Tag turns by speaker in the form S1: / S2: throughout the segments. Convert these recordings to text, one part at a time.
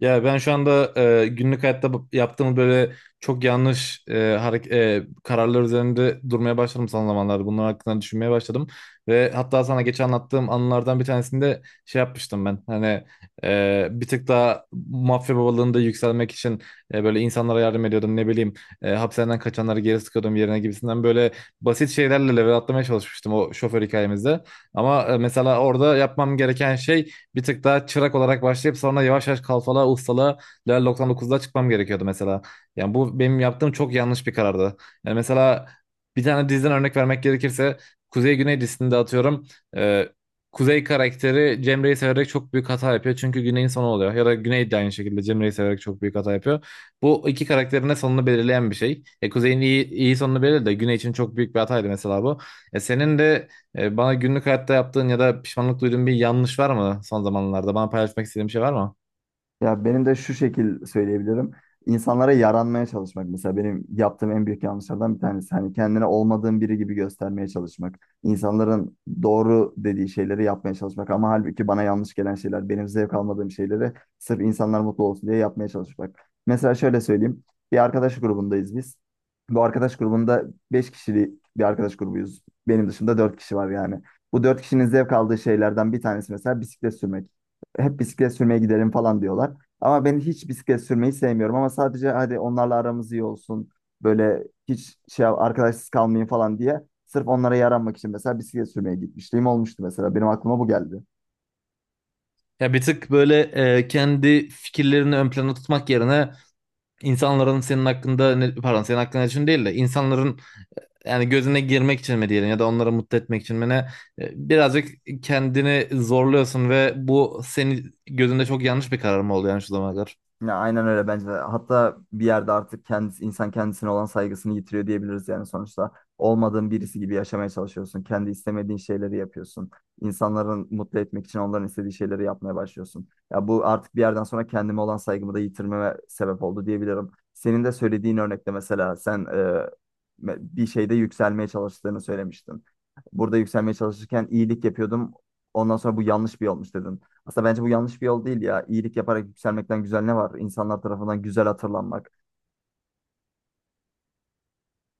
S1: Ya ben şu anda günlük hayatta yaptığım böyle çok yanlış kararlar üzerinde durmaya başladım son zamanlarda. Bunlar hakkında düşünmeye başladım. Ve hatta sana geçen anlattığım anılardan bir tanesinde şey yapmıştım ben. Hani bir tık daha mafya babalığında yükselmek için böyle insanlara yardım ediyordum. Ne bileyim hapishaneden kaçanları geri sıkıyordum yerine gibisinden böyle basit şeylerle level atlamaya çalışmıştım o şoför hikayemizde. Ama mesela orada yapmam gereken şey bir tık daha çırak olarak başlayıp sonra yavaş yavaş kalfalığa, ustalığa level 99'da çıkmam gerekiyordu mesela. Yani bu benim yaptığım çok yanlış bir karardı. Yani mesela bir tane diziden örnek vermek gerekirse Kuzey Güney dizisinde atıyorum e, Kuzey karakteri Cemre'yi severek çok büyük hata yapıyor. Çünkü Güney'in sonu oluyor. Ya da Güney de aynı şekilde Cemre'yi severek çok büyük hata yapıyor. Bu iki karakterin de sonunu belirleyen bir şey. E, Kuzey'in iyi sonunu belirledi de Güney için çok büyük bir hataydı mesela bu. E, senin de bana günlük hayatta yaptığın ya da pişmanlık duyduğun bir yanlış var mı son zamanlarda? Bana paylaşmak istediğin bir şey var mı?
S2: Ya benim de şu şekil söyleyebilirim. İnsanlara yaranmaya çalışmak mesela benim yaptığım en büyük yanlışlardan bir tanesi. Hani kendine olmadığın biri gibi göstermeye çalışmak. İnsanların doğru dediği şeyleri yapmaya çalışmak ama halbuki bana yanlış gelen şeyler, benim zevk almadığım şeyleri sırf insanlar mutlu olsun diye yapmaya çalışmak. Mesela şöyle söyleyeyim. Bir arkadaş grubundayız biz. Bu arkadaş grubunda 5 kişilik bir arkadaş grubuyuz. Benim dışında 4 kişi var yani. Bu 4 kişinin zevk aldığı şeylerden bir tanesi mesela bisiklet sürmek, hep bisiklet sürmeye gidelim falan diyorlar. Ama ben hiç bisiklet sürmeyi sevmiyorum, ama sadece hadi onlarla aramız iyi olsun. Böyle hiç şey arkadaşsız kalmayın falan diye sırf onlara yaranmak için mesela bisiklet sürmeye gitmişliğim olmuştu mesela. Benim aklıma bu geldi.
S1: Ya bir tık böyle kendi fikirlerini ön plana tutmak yerine insanların senin hakkında ne, pardon senin hakkında için değil de insanların yani gözüne girmek için mi diyelim ya da onları mutlu etmek için mi ne birazcık kendini zorluyorsun ve bu senin gözünde çok yanlış bir karar mı oldu yani şu zamana kadar?
S2: Ya aynen öyle bence de. Hatta bir yerde artık kendisi, insan kendisine olan saygısını yitiriyor diyebiliriz yani sonuçta. Olmadığın birisi gibi yaşamaya çalışıyorsun. Kendi istemediğin şeyleri yapıyorsun. İnsanların mutlu etmek için onların istediği şeyleri yapmaya başlıyorsun. Ya bu artık bir yerden sonra kendime olan saygımı da yitirmeme sebep oldu diyebilirim. Senin de söylediğin örnekte mesela sen bir şeyde yükselmeye çalıştığını söylemiştin. Burada yükselmeye çalışırken iyilik yapıyordum. Ondan sonra bu yanlış bir yolmuş dedin. Aslında bence bu yanlış bir yol değil ya. İyilik yaparak yükselmekten güzel ne var? İnsanlar tarafından güzel hatırlanmak.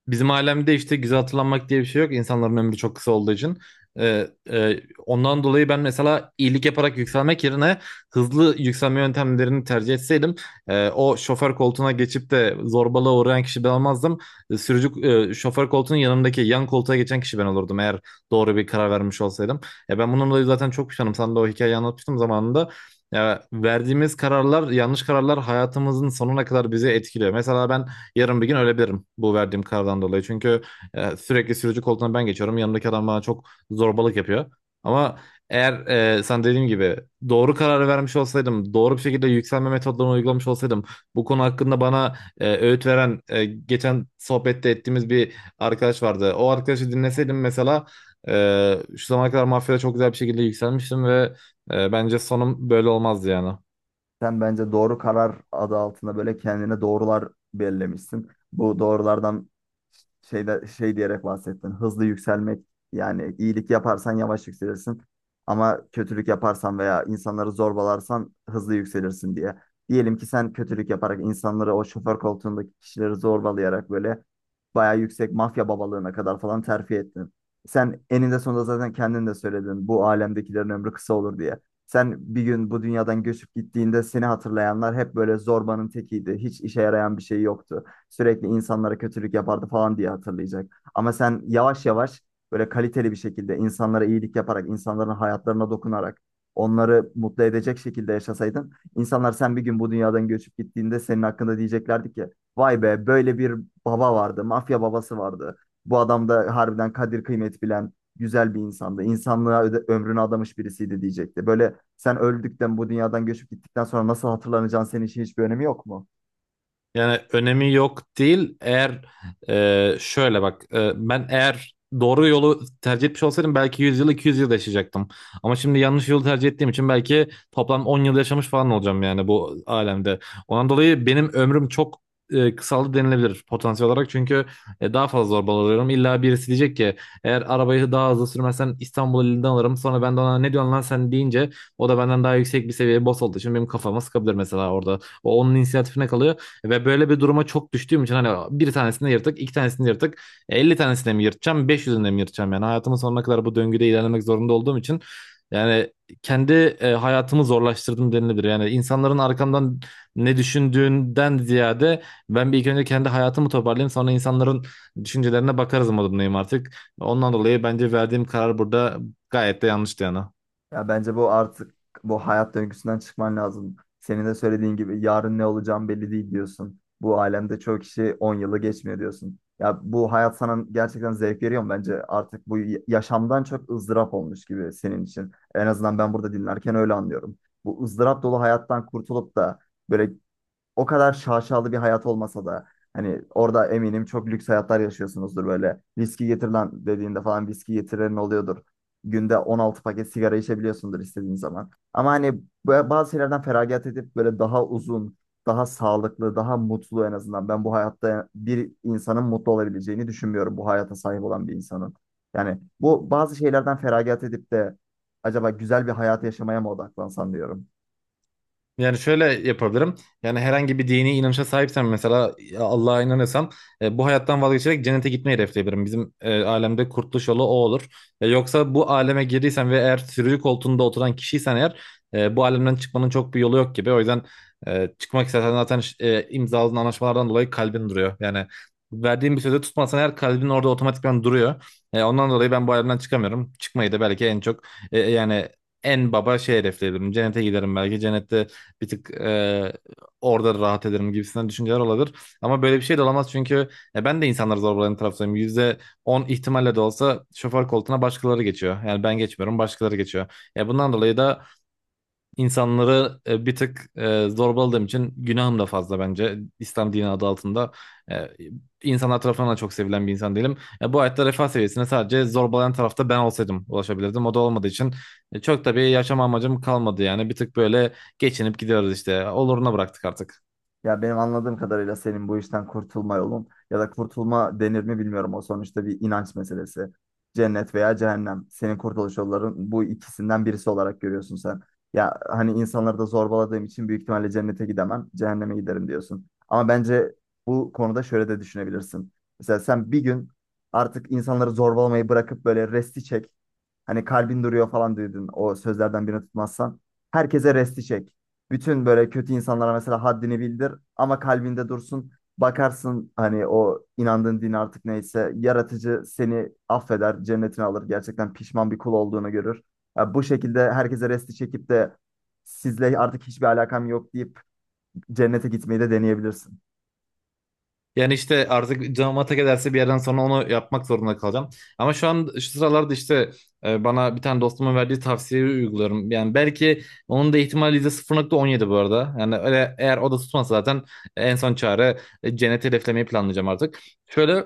S1: Bizim alemde işte güzel hatırlanmak diye bir şey yok. İnsanların ömrü çok kısa olduğu için. Ee, e, Ondan dolayı ben mesela iyilik yaparak yükselmek yerine hızlı yükselme yöntemlerini tercih etseydim o şoför koltuğuna geçip de zorbalığa uğrayan kişi ben olmazdım. E, şoför koltuğunun yanındaki yan koltuğa geçen kişi ben olurdum eğer doğru bir karar vermiş olsaydım. E, ben bununla dolayı zaten çok pişmanım. Sana da o hikayeyi anlatmıştım zamanında. Ya, verdiğimiz kararlar, yanlış kararlar hayatımızın sonuna kadar bizi etkiliyor. Mesela ben yarın bir gün ölebilirim bu verdiğim karardan dolayı. Çünkü sürekli sürücü koltuğuna ben geçiyorum. Yanımdaki adam bana çok zorbalık yapıyor. Ama eğer sen dediğim gibi doğru kararı vermiş olsaydım, doğru bir şekilde yükselme metodlarını uygulamış olsaydım, bu konu hakkında bana öğüt veren, geçen sohbette ettiğimiz bir arkadaş vardı. O arkadaşı dinleseydim mesela şu zamana kadar mafyada çok güzel bir şekilde yükselmiştim ve bence sonum böyle olmazdı yani.
S2: Sen bence doğru karar adı altında böyle kendine doğrular belirlemişsin. Bu doğrulardan şeyde şey diyerek bahsettin. Hızlı yükselmek, yani iyilik yaparsan yavaş yükselirsin ama kötülük yaparsan veya insanları zorbalarsan hızlı yükselirsin diye. Diyelim ki sen kötülük yaparak insanları, o şoför koltuğundaki kişileri zorbalayarak böyle bayağı yüksek mafya babalığına kadar falan terfi ettin. Sen eninde sonunda, zaten kendin de söyledin, bu alemdekilerin ömrü kısa olur diye. Sen bir gün bu dünyadan göçüp gittiğinde seni hatırlayanlar hep böyle zorbanın tekiydi, hiç işe yarayan bir şey yoktu, sürekli insanlara kötülük yapardı falan diye hatırlayacak. Ama sen yavaş yavaş böyle kaliteli bir şekilde insanlara iyilik yaparak, insanların hayatlarına dokunarak, onları mutlu edecek şekilde yaşasaydın, insanlar sen bir gün bu dünyadan göçüp gittiğinde senin hakkında diyeceklerdi ki, vay be böyle bir baba vardı, mafya babası vardı. Bu adam da harbiden kadir kıymet bilen, güzel bir insandı. İnsanlığa ömrünü adamış birisiydi diyecekti. Böyle sen öldükten, bu dünyadan göçüp gittikten sonra nasıl hatırlanacağın senin için hiçbir önemi yok mu?
S1: Yani önemi yok değil. Eğer şöyle bak ben eğer doğru yolu tercih etmiş olsaydım belki 100 yıl 200 yıl yaşayacaktım. Ama şimdi yanlış yolu tercih ettiğim için belki toplam 10 yıl yaşamış falan olacağım yani bu alemde. Ondan dolayı benim ömrüm çok kısaldı denilebilir potansiyel olarak. Çünkü daha fazla zorbalanıyorum. İlla birisi diyecek ki eğer arabayı daha hızlı sürmezsen İstanbul elinden alırım. Sonra ben de ona ne diyorsun lan sen deyince o da benden daha yüksek bir seviyeye boss olduğu için benim kafama sıkabilir mesela orada. O onun inisiyatifine kalıyor. Ve böyle bir duruma çok düştüğüm için hani bir tanesini yırtık, iki tanesini yırtık, 50 tanesini mi yırtacağım, 500'ünü mi yırtacağım yani hayatımın sonuna kadar bu döngüde ilerlemek zorunda olduğum için yani kendi hayatımı zorlaştırdım denilebilir. Yani insanların arkamdan ne düşündüğünden ziyade ben bir ilk önce kendi hayatımı toparlayayım sonra insanların düşüncelerine bakarız modundayım artık. Ondan dolayı bence verdiğim karar burada gayet de yanlıştı yani.
S2: Ya bence bu artık, bu hayat döngüsünden çıkman lazım. Senin de söylediğin gibi yarın ne olacağım belli değil diyorsun. Bu alemde çoğu kişi 10 yılı geçmiyor diyorsun. Ya bu hayat sana gerçekten zevk veriyor mu? Bence artık bu yaşamdan çok ızdırap olmuş gibi senin için. En azından ben burada dinlerken öyle anlıyorum. Bu ızdırap dolu hayattan kurtulup da böyle, o kadar şaşalı bir hayat olmasa da, hani orada eminim çok lüks hayatlar yaşıyorsunuzdur böyle. Viski getir lan dediğinde falan viski getiren oluyordur. Günde 16 paket sigara içebiliyorsundur istediğin zaman. Ama hani bazı şeylerden feragat edip böyle daha uzun, daha sağlıklı, daha mutlu en azından. Ben bu hayatta bir insanın mutlu olabileceğini düşünmüyorum, bu hayata sahip olan bir insanın. Yani bu bazı şeylerden feragat edip de acaba güzel bir hayat yaşamaya mı odaklansam diyorum.
S1: Yani şöyle yapabilirim. Yani herhangi bir dini inanışa sahipsem mesela Allah'a inanırsam bu hayattan vazgeçerek cennete gitmeyi hedefleyebilirim. Bizim alemde kurtuluş yolu o olur. E, yoksa bu aleme girdiysen ve eğer sürücü koltuğunda oturan kişiysen eğer bu alemden çıkmanın çok bir yolu yok gibi. O yüzden çıkmak istersen zaten imzaladığın anlaşmalardan dolayı kalbin duruyor. Yani verdiğin bir sözü tutmazsan eğer kalbin orada otomatikman duruyor. E, ondan dolayı ben bu alemden çıkamıyorum. Çıkmayı da belki en çok yani en baba şey hedefleyebilirim. Cennete giderim belki. Cennette bir tık orada rahat ederim gibisinden düşünceler olabilir. Ama böyle bir şey de olamaz çünkü ben de insanları zorbalayan taraftayım. %10 ihtimalle de olsa şoför koltuğuna başkaları geçiyor. Yani ben geçmiyorum başkaları geçiyor. Ya bundan dolayı da İnsanları bir tık zorbaladığım için günahım da fazla bence. İslam dini adı altında e, insanlar tarafından da çok sevilen bir insan değilim. E, bu hayatta refah seviyesine sadece zorbalayan tarafta ben olsaydım ulaşabilirdim. O da olmadığı için çok da bir yaşam amacım kalmadı yani. Bir tık böyle geçinip gidiyoruz işte. Oluruna bıraktık artık.
S2: Ya benim anladığım kadarıyla senin bu işten kurtulma yolun ya da kurtulma denir mi bilmiyorum. O sonuçta bir inanç meselesi. Cennet veya cehennem. Senin kurtuluş yolların bu ikisinden birisi olarak görüyorsun sen. Ya hani insanları da zorbaladığım için büyük ihtimalle cennete gidemem, cehenneme giderim diyorsun. Ama bence bu konuda şöyle de düşünebilirsin. Mesela sen bir gün artık insanları zorbalamayı bırakıp böyle resti çek. Hani kalbin duruyor falan duydun o sözlerden birini tutmazsan. Herkese resti çek. Bütün böyle kötü insanlara mesela haddini bildir ama kalbinde dursun. Bakarsın hani o inandığın din artık neyse yaratıcı seni affeder, cennetine alır. Gerçekten pişman bir kul olduğunu görür. Ya bu şekilde herkese resti çekip de sizle artık hiçbir alakam yok deyip cennete gitmeyi de deneyebilirsin.
S1: Yani işte artık canım ata giderse bir yerden sonra onu yapmak zorunda kalacağım. Ama şu an şu sıralarda işte bana bir tane dostumun verdiği tavsiyeyi uyguluyorum. Yani belki onun da ihtimali %0,17 bu arada. Yani öyle eğer o da tutmazsa zaten en son çare cenneti hedeflemeyi planlayacağım artık. Şöyle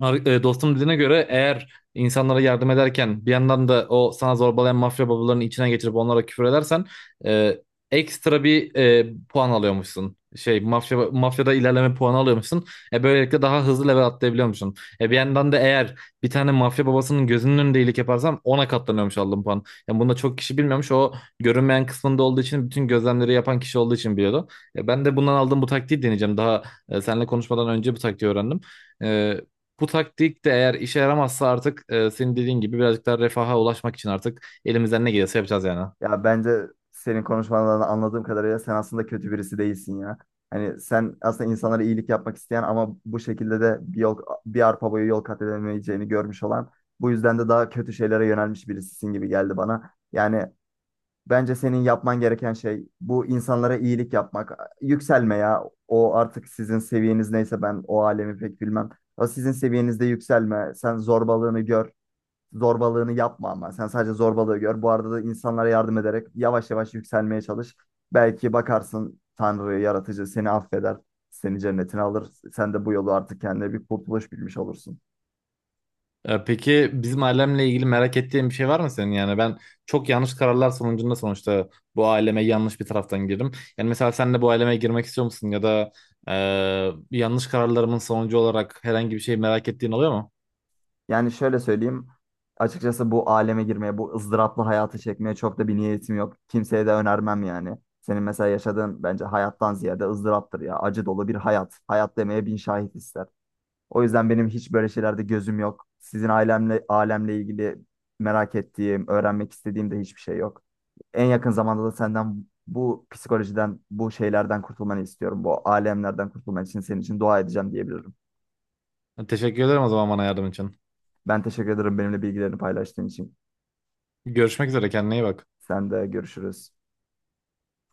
S1: Dostum dediğine göre eğer insanlara yardım ederken bir yandan da o sana zorbalayan mafya babalarının içine geçirip onlara küfür edersen e, ekstra bir puan alıyormuşsun. Mafyada ilerleme puanı alıyormuşsun. Böylelikle daha hızlı level atlayabiliyormuşsun. Bir yandan da eğer bir tane mafya babasının gözünün önünde iyilik yaparsan ona katlanıyormuş aldığın puan. Yani bunu da çok kişi bilmiyormuş. O görünmeyen kısmında olduğu için bütün gözlemleri yapan kişi olduğu için biliyordu. E, ben de bundan aldığım bu taktiği deneyeceğim. Daha seninle konuşmadan önce bu taktiği öğrendim. E, bu taktik de eğer işe yaramazsa artık senin dediğin gibi birazcık daha refaha ulaşmak için artık elimizden ne gelirse yapacağız yani.
S2: Ya bence senin konuşmalarından anladığım kadarıyla sen aslında kötü birisi değilsin ya. Hani sen aslında insanlara iyilik yapmak isteyen ama bu şekilde de bir yol, bir arpa boyu yol kat edemeyeceğini görmüş olan, bu yüzden de daha kötü şeylere yönelmiş birisisin gibi geldi bana. Yani bence senin yapman gereken şey bu, insanlara iyilik yapmak. Yükselme ya. O artık sizin seviyeniz neyse, ben o alemi pek bilmem. O sizin seviyenizde yükselme. Sen zorbalığını gör, zorbalığını yapma ama. Sen sadece zorbalığı gör. Bu arada da insanlara yardım ederek yavaş yavaş yükselmeye çalış. Belki bakarsın Tanrı, yaratıcı seni affeder. Seni cennetine alır. Sen de bu yolu artık kendine bir kurtuluş bilmiş olursun.
S1: E, peki bizim ailemle ilgili merak ettiğin bir şey var mı senin? Yani ben çok yanlış kararlar sonucunda sonuçta bu aileme yanlış bir taraftan girdim. Yani mesela sen de bu aileme girmek istiyor musun? Ya da yanlış kararlarımın sonucu olarak herhangi bir şey merak ettiğin oluyor mu?
S2: Yani şöyle söyleyeyim. Açıkçası bu aleme girmeye, bu ızdıraplı hayatı çekmeye çok da bir niyetim yok. Kimseye de önermem yani. Senin mesela yaşadığın bence hayattan ziyade ızdıraptır ya. Acı dolu bir hayat. Hayat demeye bin şahit ister. O yüzden benim hiç böyle şeylerde gözüm yok. Sizin ailemle alemle ilgili merak ettiğim, öğrenmek istediğim de hiçbir şey yok. En yakın zamanda da senden bu psikolojiden, bu şeylerden kurtulmanı istiyorum. Bu alemlerden kurtulman için senin için dua edeceğim diyebilirim.
S1: Teşekkür ederim o zaman bana yardım için.
S2: Ben teşekkür ederim benimle bilgilerini paylaştığın için.
S1: Görüşmek üzere kendine iyi bak.
S2: Sen de görüşürüz.